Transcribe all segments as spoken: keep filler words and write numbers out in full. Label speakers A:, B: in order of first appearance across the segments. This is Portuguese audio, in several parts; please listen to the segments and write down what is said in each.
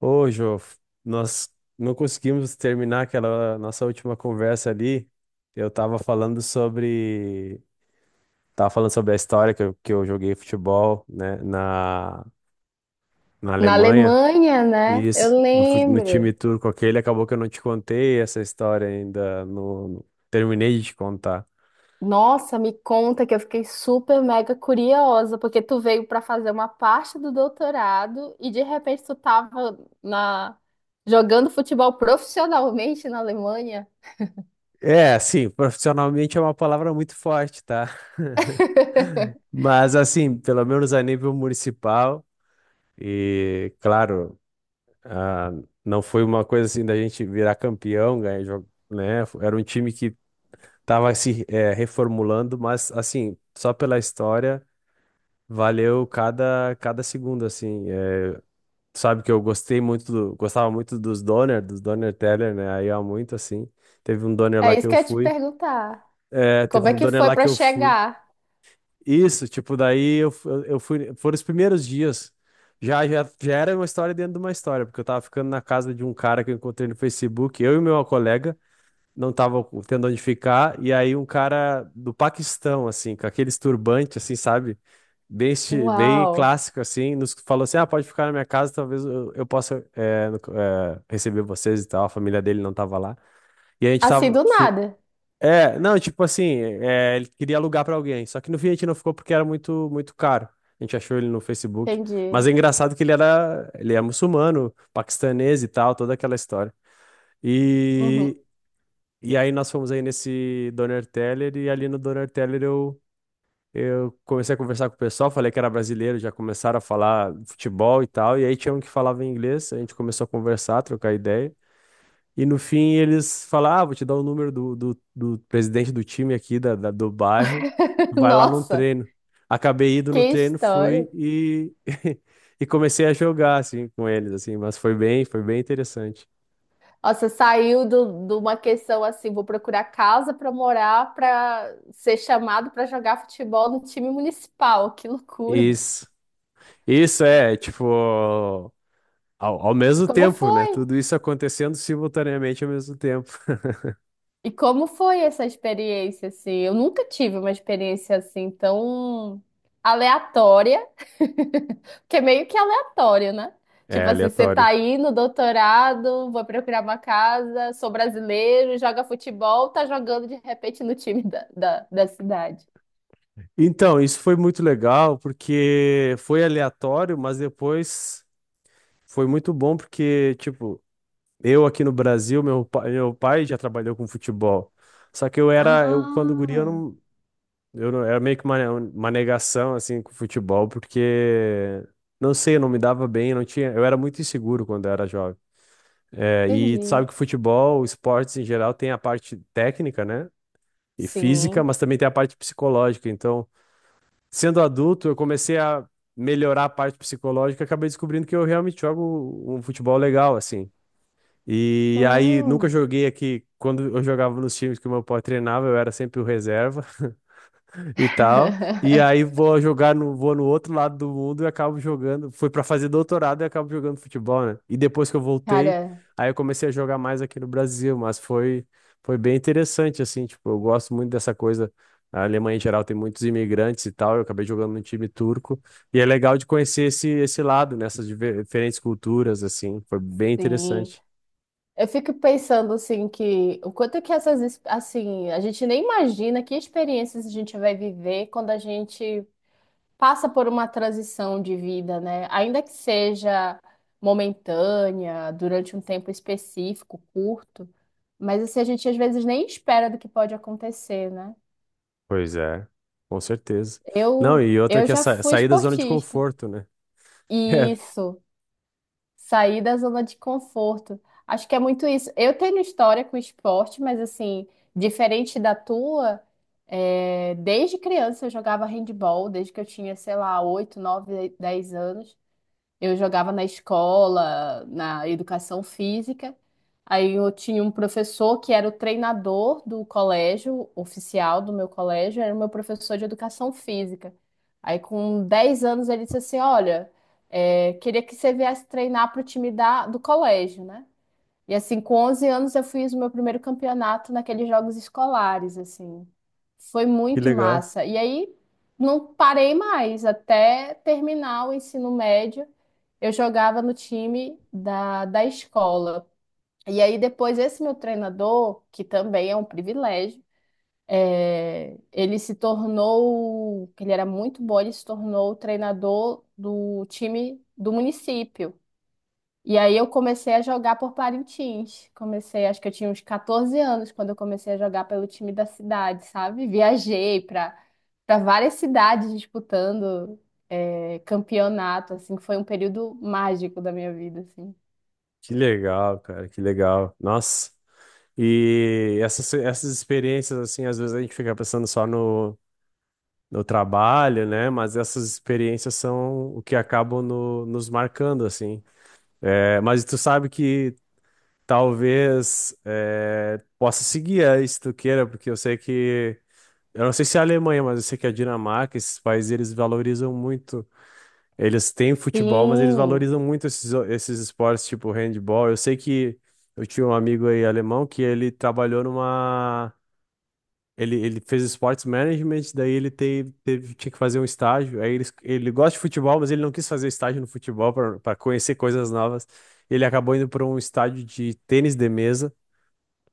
A: Ô, Jô, f- nós não conseguimos terminar aquela nossa última conversa ali. Eu tava falando sobre, tava falando sobre a história que eu, que eu joguei futebol, né, na, na
B: Na
A: Alemanha.
B: Alemanha, né?
A: E
B: Eu
A: isso, no, fu- no
B: lembro.
A: time turco aquele, acabou que eu não te contei essa história ainda, Não no- terminei de te contar.
B: Nossa, me conta que eu fiquei super mega curiosa, porque tu veio para fazer uma parte do doutorado e de repente tu tava na jogando futebol profissionalmente na Alemanha.
A: É, assim, profissionalmente é uma palavra muito forte, tá? Mas assim, pelo menos a nível municipal e, claro. Ah, não foi uma coisa assim da gente virar campeão, ganhar jogo, né? Era um time que tava se eh, reformulando, mas assim, só pela história, valeu cada, cada segundo, assim. Eh, sabe que eu gostei muito, do- gostava muito dos Donner, dos Donner Teller, né? Aí há muito, assim. Teve um Donner
B: É
A: lá que
B: isso que
A: eu
B: eu ia te
A: fui.
B: perguntar.
A: Eh, teve
B: Como é
A: um
B: que
A: Donner
B: foi
A: lá que
B: para
A: eu fui.
B: chegar?
A: Isso, tipo, daí eu, fu- eu eu fui. Foram os primeiros dias. Já, já, já era uma história dentro de uma história, porque eu tava ficando na casa de um cara que eu encontrei no Facebook, eu e meu colega, não tava tendo onde ficar, e aí um cara do Paquistão, assim, com aqueles turbantes, assim, sabe? Bem, esti- bem
B: Uau!
A: clássico, assim, nos falou assim: ah, pode ficar na minha casa, talvez eu, eu possa é, no- é, receber vocês e tal. A família dele não tava lá. E a gente
B: Assim
A: tava.
B: do nada.
A: É, não, tipo assim, é, ele queria alugar pra alguém, só que no fim a gente não ficou porque era muito muito caro. A gente achou ele no Facebook, mas é
B: Entendi.
A: engraçado que ele era ele é muçulmano, paquistanês e tal, toda aquela história.
B: Uhum.
A: E e aí nós fomos aí nesse Doner Teller e ali no Doner Teller eu eu comecei a conversar com o pessoal, falei que era brasileiro, já começaram a falar futebol e tal, e aí tinha um que falava inglês, a gente começou a conversar, trocar ideia. E no fim eles falam, ah, vou te dar o número do, do, do presidente do time aqui da, da- do bairro, vai lá num
B: Nossa,
A: treino. Acabei indo no
B: que
A: treino,
B: história.
A: fui e, e comecei a jogar, assim, com eles, assim, mas foi bem, foi bem interessante.
B: Nossa, saiu do- de uma questão assim, vou procurar casa para morar, para ser chamado para jogar futebol no time municipal. Que loucura!
A: Isso, isso é, tipo, ao, ao
B: E
A: mesmo
B: como
A: tempo, né?
B: foi?
A: Tudo isso acontecendo simultaneamente ao mesmo tempo.
B: E como foi essa experiência assim? Eu nunca tive uma experiência assim tão aleatória, porque é meio que aleatório, né?
A: É
B: Tipo assim, você tá
A: aleatório.
B: aí no doutorado, vou procurar uma casa, sou brasileiro, joga futebol, tá jogando de repente no time da, da da cidade.
A: Então, isso foi muito legal porque foi aleatório, mas depois foi muito bom porque, tipo, eu aqui no Brasil, meu pai, meu pai já trabalhou com futebol. Só que eu era, eu quando guri, eu
B: Ah.
A: não, eu não- era meio que uma, uma negação assim com futebol, porque não sei, eu não me dava bem, não tinha, eu era muito inseguro quando eu era jovem. É, e tu sabe
B: Entendi.
A: que futebol, esportes em geral, tem a parte técnica, né? E física,
B: Sim.
A: mas também tem a parte psicológica. Então, sendo adulto, eu comecei a melhorar a parte psicológica, e acabei descobrindo que eu realmente jogo um futebol legal, assim. E aí nunca
B: Hum.
A: joguei aqui. Quando eu jogava nos times que o meu pai treinava, eu era sempre o reserva e tal. E aí vou jogar no, vou no outro lado do mundo e acabo jogando. Fui para fazer doutorado e acabo jogando futebol, né? E depois que eu voltei,
B: Cara,
A: aí eu comecei a jogar mais aqui no Brasil, mas foi foi bem interessante assim, tipo, eu gosto muito dessa coisa. A Alemanha em geral tem muitos imigrantes e tal. Eu acabei jogando no time turco e é legal de conhecer esse esse lado, nessas diver- diferentes culturas assim. Foi bem
B: sim.
A: interessante.
B: Eu fico pensando assim que o quanto é que essas ex- assim, a gente nem imagina que experiências a gente vai viver quando a gente passa por uma transição de vida, né? Ainda que seja momentânea, durante um tempo específico, curto, mas assim a gente às vezes nem espera do que pode acontecer, né?
A: Pois é, com certeza. Não,
B: Eu
A: e outra
B: eu
A: que é
B: já
A: sa-
B: fui
A: sair da zona de
B: esportista.
A: conforto, né? É.
B: Isso. Sair da zona de conforto. Acho que é muito isso. Eu tenho história com esporte, mas assim, diferente da tua, é, desde criança eu jogava handball, desde que eu tinha, sei lá, oito nove dez anos. Eu jogava na escola, na educação física. Aí eu tinha um professor que era o treinador do colégio, oficial do meu colégio, era o meu professor de educação física. Aí com dez anos ele disse assim: Olha, é, queria que você viesse treinar para o time da, do colégio, né? E assim, com onze anos eu fiz o meu primeiro campeonato naqueles jogos escolares, assim. Foi
A: Que
B: muito
A: legal,
B: massa. E aí não parei mais até terminar o ensino médio. Eu jogava no time da, da escola. E aí depois esse meu treinador, que também é um privilégio, é, ele se tornou, ele era muito bom, ele se tornou o treinador do time do município. E aí eu comecei a jogar por Parintins. Comecei, acho que eu tinha uns quatorze anos quando eu comecei a jogar pelo time da cidade, sabe? Viajei para para várias cidades disputando é, campeonato, assim, foi um período mágico da minha vida, assim.
A: que legal, cara, que legal. Nossa, e essas, essas experiências, assim, às vezes a gente fica pensando só no, no trabalho, né? Mas essas experiências são o que acabam no- nos marcando, assim. É, mas tu sabe que talvez é, possa seguir aí, se tu queira, porque eu sei que. Eu não sei se é a Alemanha, mas eu sei que a Dinamarca, esses países, eles valorizam muito. Eles têm futebol, mas eles
B: Sim,
A: valorizam muito esses, o- esses esportes tipo handball. Eu sei que eu tinha um amigo aí alemão que ele trabalhou numa. Ele, ele fez esportes management, daí ele teve, teve- tinha que fazer um estágio. Aí ele, ele gosta de futebol, mas ele não quis fazer estágio no futebol para conhecer coisas novas. Ele acabou indo para um estádio de tênis de mesa.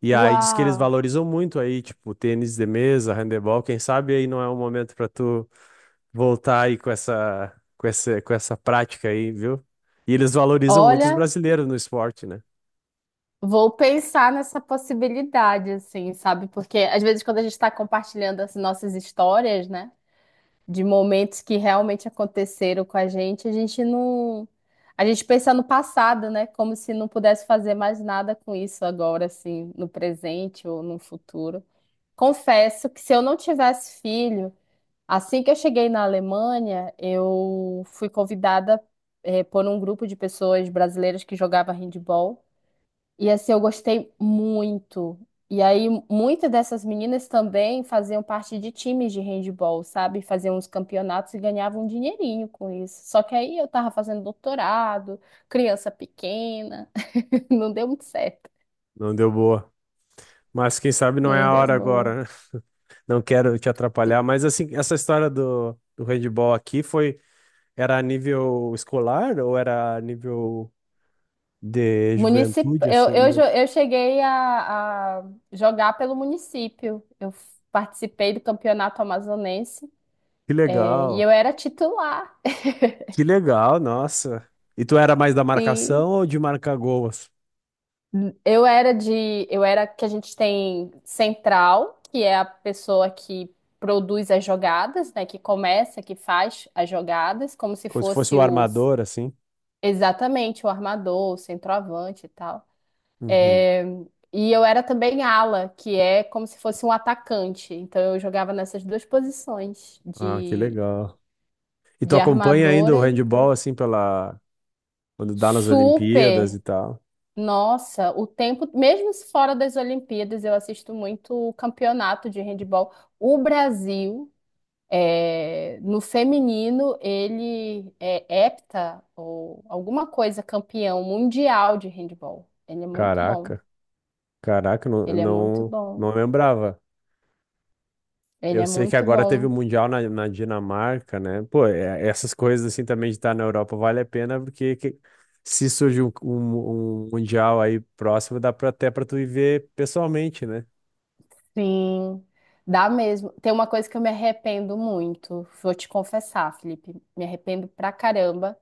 A: E aí diz que eles
B: uau.
A: valorizam muito aí, tipo, tênis de mesa, handebol. Quem sabe aí não é o momento para tu voltar aí com essa, com essa, com essa prática aí, viu? E eles valorizam muito os
B: Olha,
A: brasileiros no esporte, né?
B: vou pensar nessa possibilidade, assim, sabe? Porque às vezes quando a gente está compartilhando as nossas histórias, né? De momentos que realmente aconteceram com a gente, a gente não. A gente pensa no passado, né? Como se não pudesse fazer mais nada com isso agora, assim, no presente ou no futuro. Confesso que se eu não tivesse filho, assim que eu cheguei na Alemanha, eu fui convidada, eh, por um grupo de pessoas brasileiras que jogava handball. E assim, eu gostei muito. E aí, muitas dessas meninas também faziam parte de times de handball, sabe? Faziam uns campeonatos e ganhavam um dinheirinho com isso. Só que aí eu tava fazendo doutorado, criança pequena, não deu muito certo.
A: Não deu boa. Mas quem sabe não é
B: Não
A: a
B: deu
A: hora
B: boa.
A: agora, né? Não quero te atrapalhar, mas assim, essa história do, do handball aqui foi, era a nível escolar ou era a nível de
B: Municip...
A: juventude,
B: Eu,
A: assim?
B: eu, jo-
A: Mu-
B: eu cheguei a, a jogar pelo município. Eu f- participei do campeonato amazonense,
A: Que
B: é, e
A: legal,
B: eu era titular.
A: que legal, nossa. E tu era mais da marcação ou de marcar gols?
B: Eu era de, eu era que a gente tem central, que é a pessoa que produz as jogadas, né, que começa, que faz as jogadas, como se
A: Como se fosse
B: fosse
A: o
B: os
A: armador, assim?
B: exatamente o armador, o centroavante e tal.
A: Uhum.
B: É, e eu era também ala, que é como se fosse um atacante. Então eu jogava nessas duas posições
A: Ah, que
B: de
A: legal. E tu
B: de
A: acompanha ainda o
B: armadora e
A: handball, assim, pela... quando dá nas Olimpíadas
B: super.
A: e tal?
B: Nossa, o tempo, mesmo fora das Olimpíadas, eu assisto muito o campeonato de handebol. O Brasil, é, no feminino, ele é hepta ou alguma coisa, campeão mundial de handebol. Ele é muito bom.
A: Caraca, caraca, não,
B: Ele é muito
A: não,
B: bom.
A: não lembrava.
B: Ele
A: Eu
B: é
A: sei que
B: muito
A: agora teve o
B: bom.
A: Mundial na, na Dinamarca, né? Pô, é- essas coisas assim também de estar na Europa vale a pena, porque que- se surge um, um- um Mundial aí próximo, dá pra, até pra tu ir ver pessoalmente, né?
B: Sim, dá mesmo. Tem uma coisa que eu me arrependo muito, vou te confessar, Felipe. Me arrependo pra caramba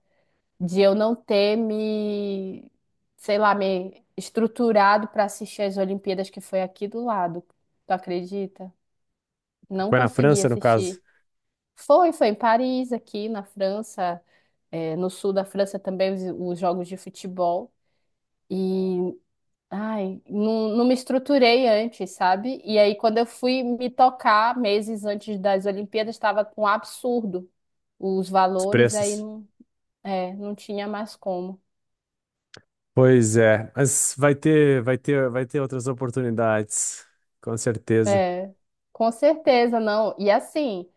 B: de eu não ter me, sei lá, me estruturado para assistir as Olimpíadas que foi aqui do lado. Tu acredita? Não
A: Foi na
B: consegui
A: França, no caso,
B: assistir. Foi, foi em Paris, aqui na França, eh, no sul da França também os, os jogos de futebol. E, ai, não, não me estruturei antes, sabe? E aí, quando eu fui me tocar, meses antes das Olimpíadas, estava com um absurdo os
A: os
B: valores, aí
A: preços.
B: não, é, não tinha mais como.
A: Pois é, mas vai ter, vai ter, vai ter outras oportunidades, com certeza.
B: É, com certeza, não. E assim,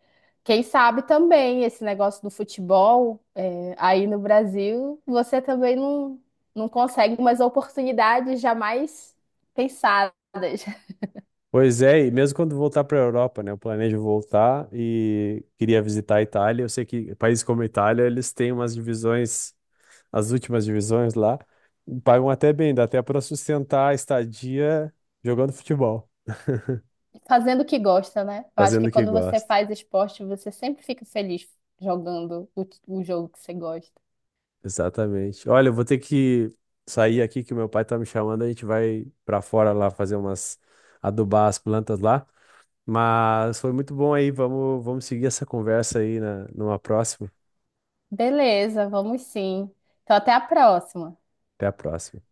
B: quem sabe também esse negócio do futebol, é, aí no Brasil, você também não, não consegue umas oportunidades jamais pensadas,
A: Pois é, e mesmo quando voltar para a Europa, né? Eu planejo voltar e queria visitar a Itália. Eu sei que países como a Itália, eles têm umas divisões, as últimas divisões lá, e pagam até bem, dá até para sustentar a estadia jogando futebol,
B: fazendo o que gosta, né? Eu acho
A: fazendo
B: que
A: o que
B: quando você
A: gosta.
B: faz esporte, você sempre fica feliz jogando o, o jogo que você gosta.
A: Exatamente. Olha, eu vou ter que sair aqui que meu pai tá me chamando, a gente vai para fora lá fazer umas adubar as plantas lá. Mas foi muito bom aí. Vamos, vamos seguir essa conversa aí na, numa próxima.
B: Beleza, vamos sim. Então, até a próxima.
A: Até a próxima.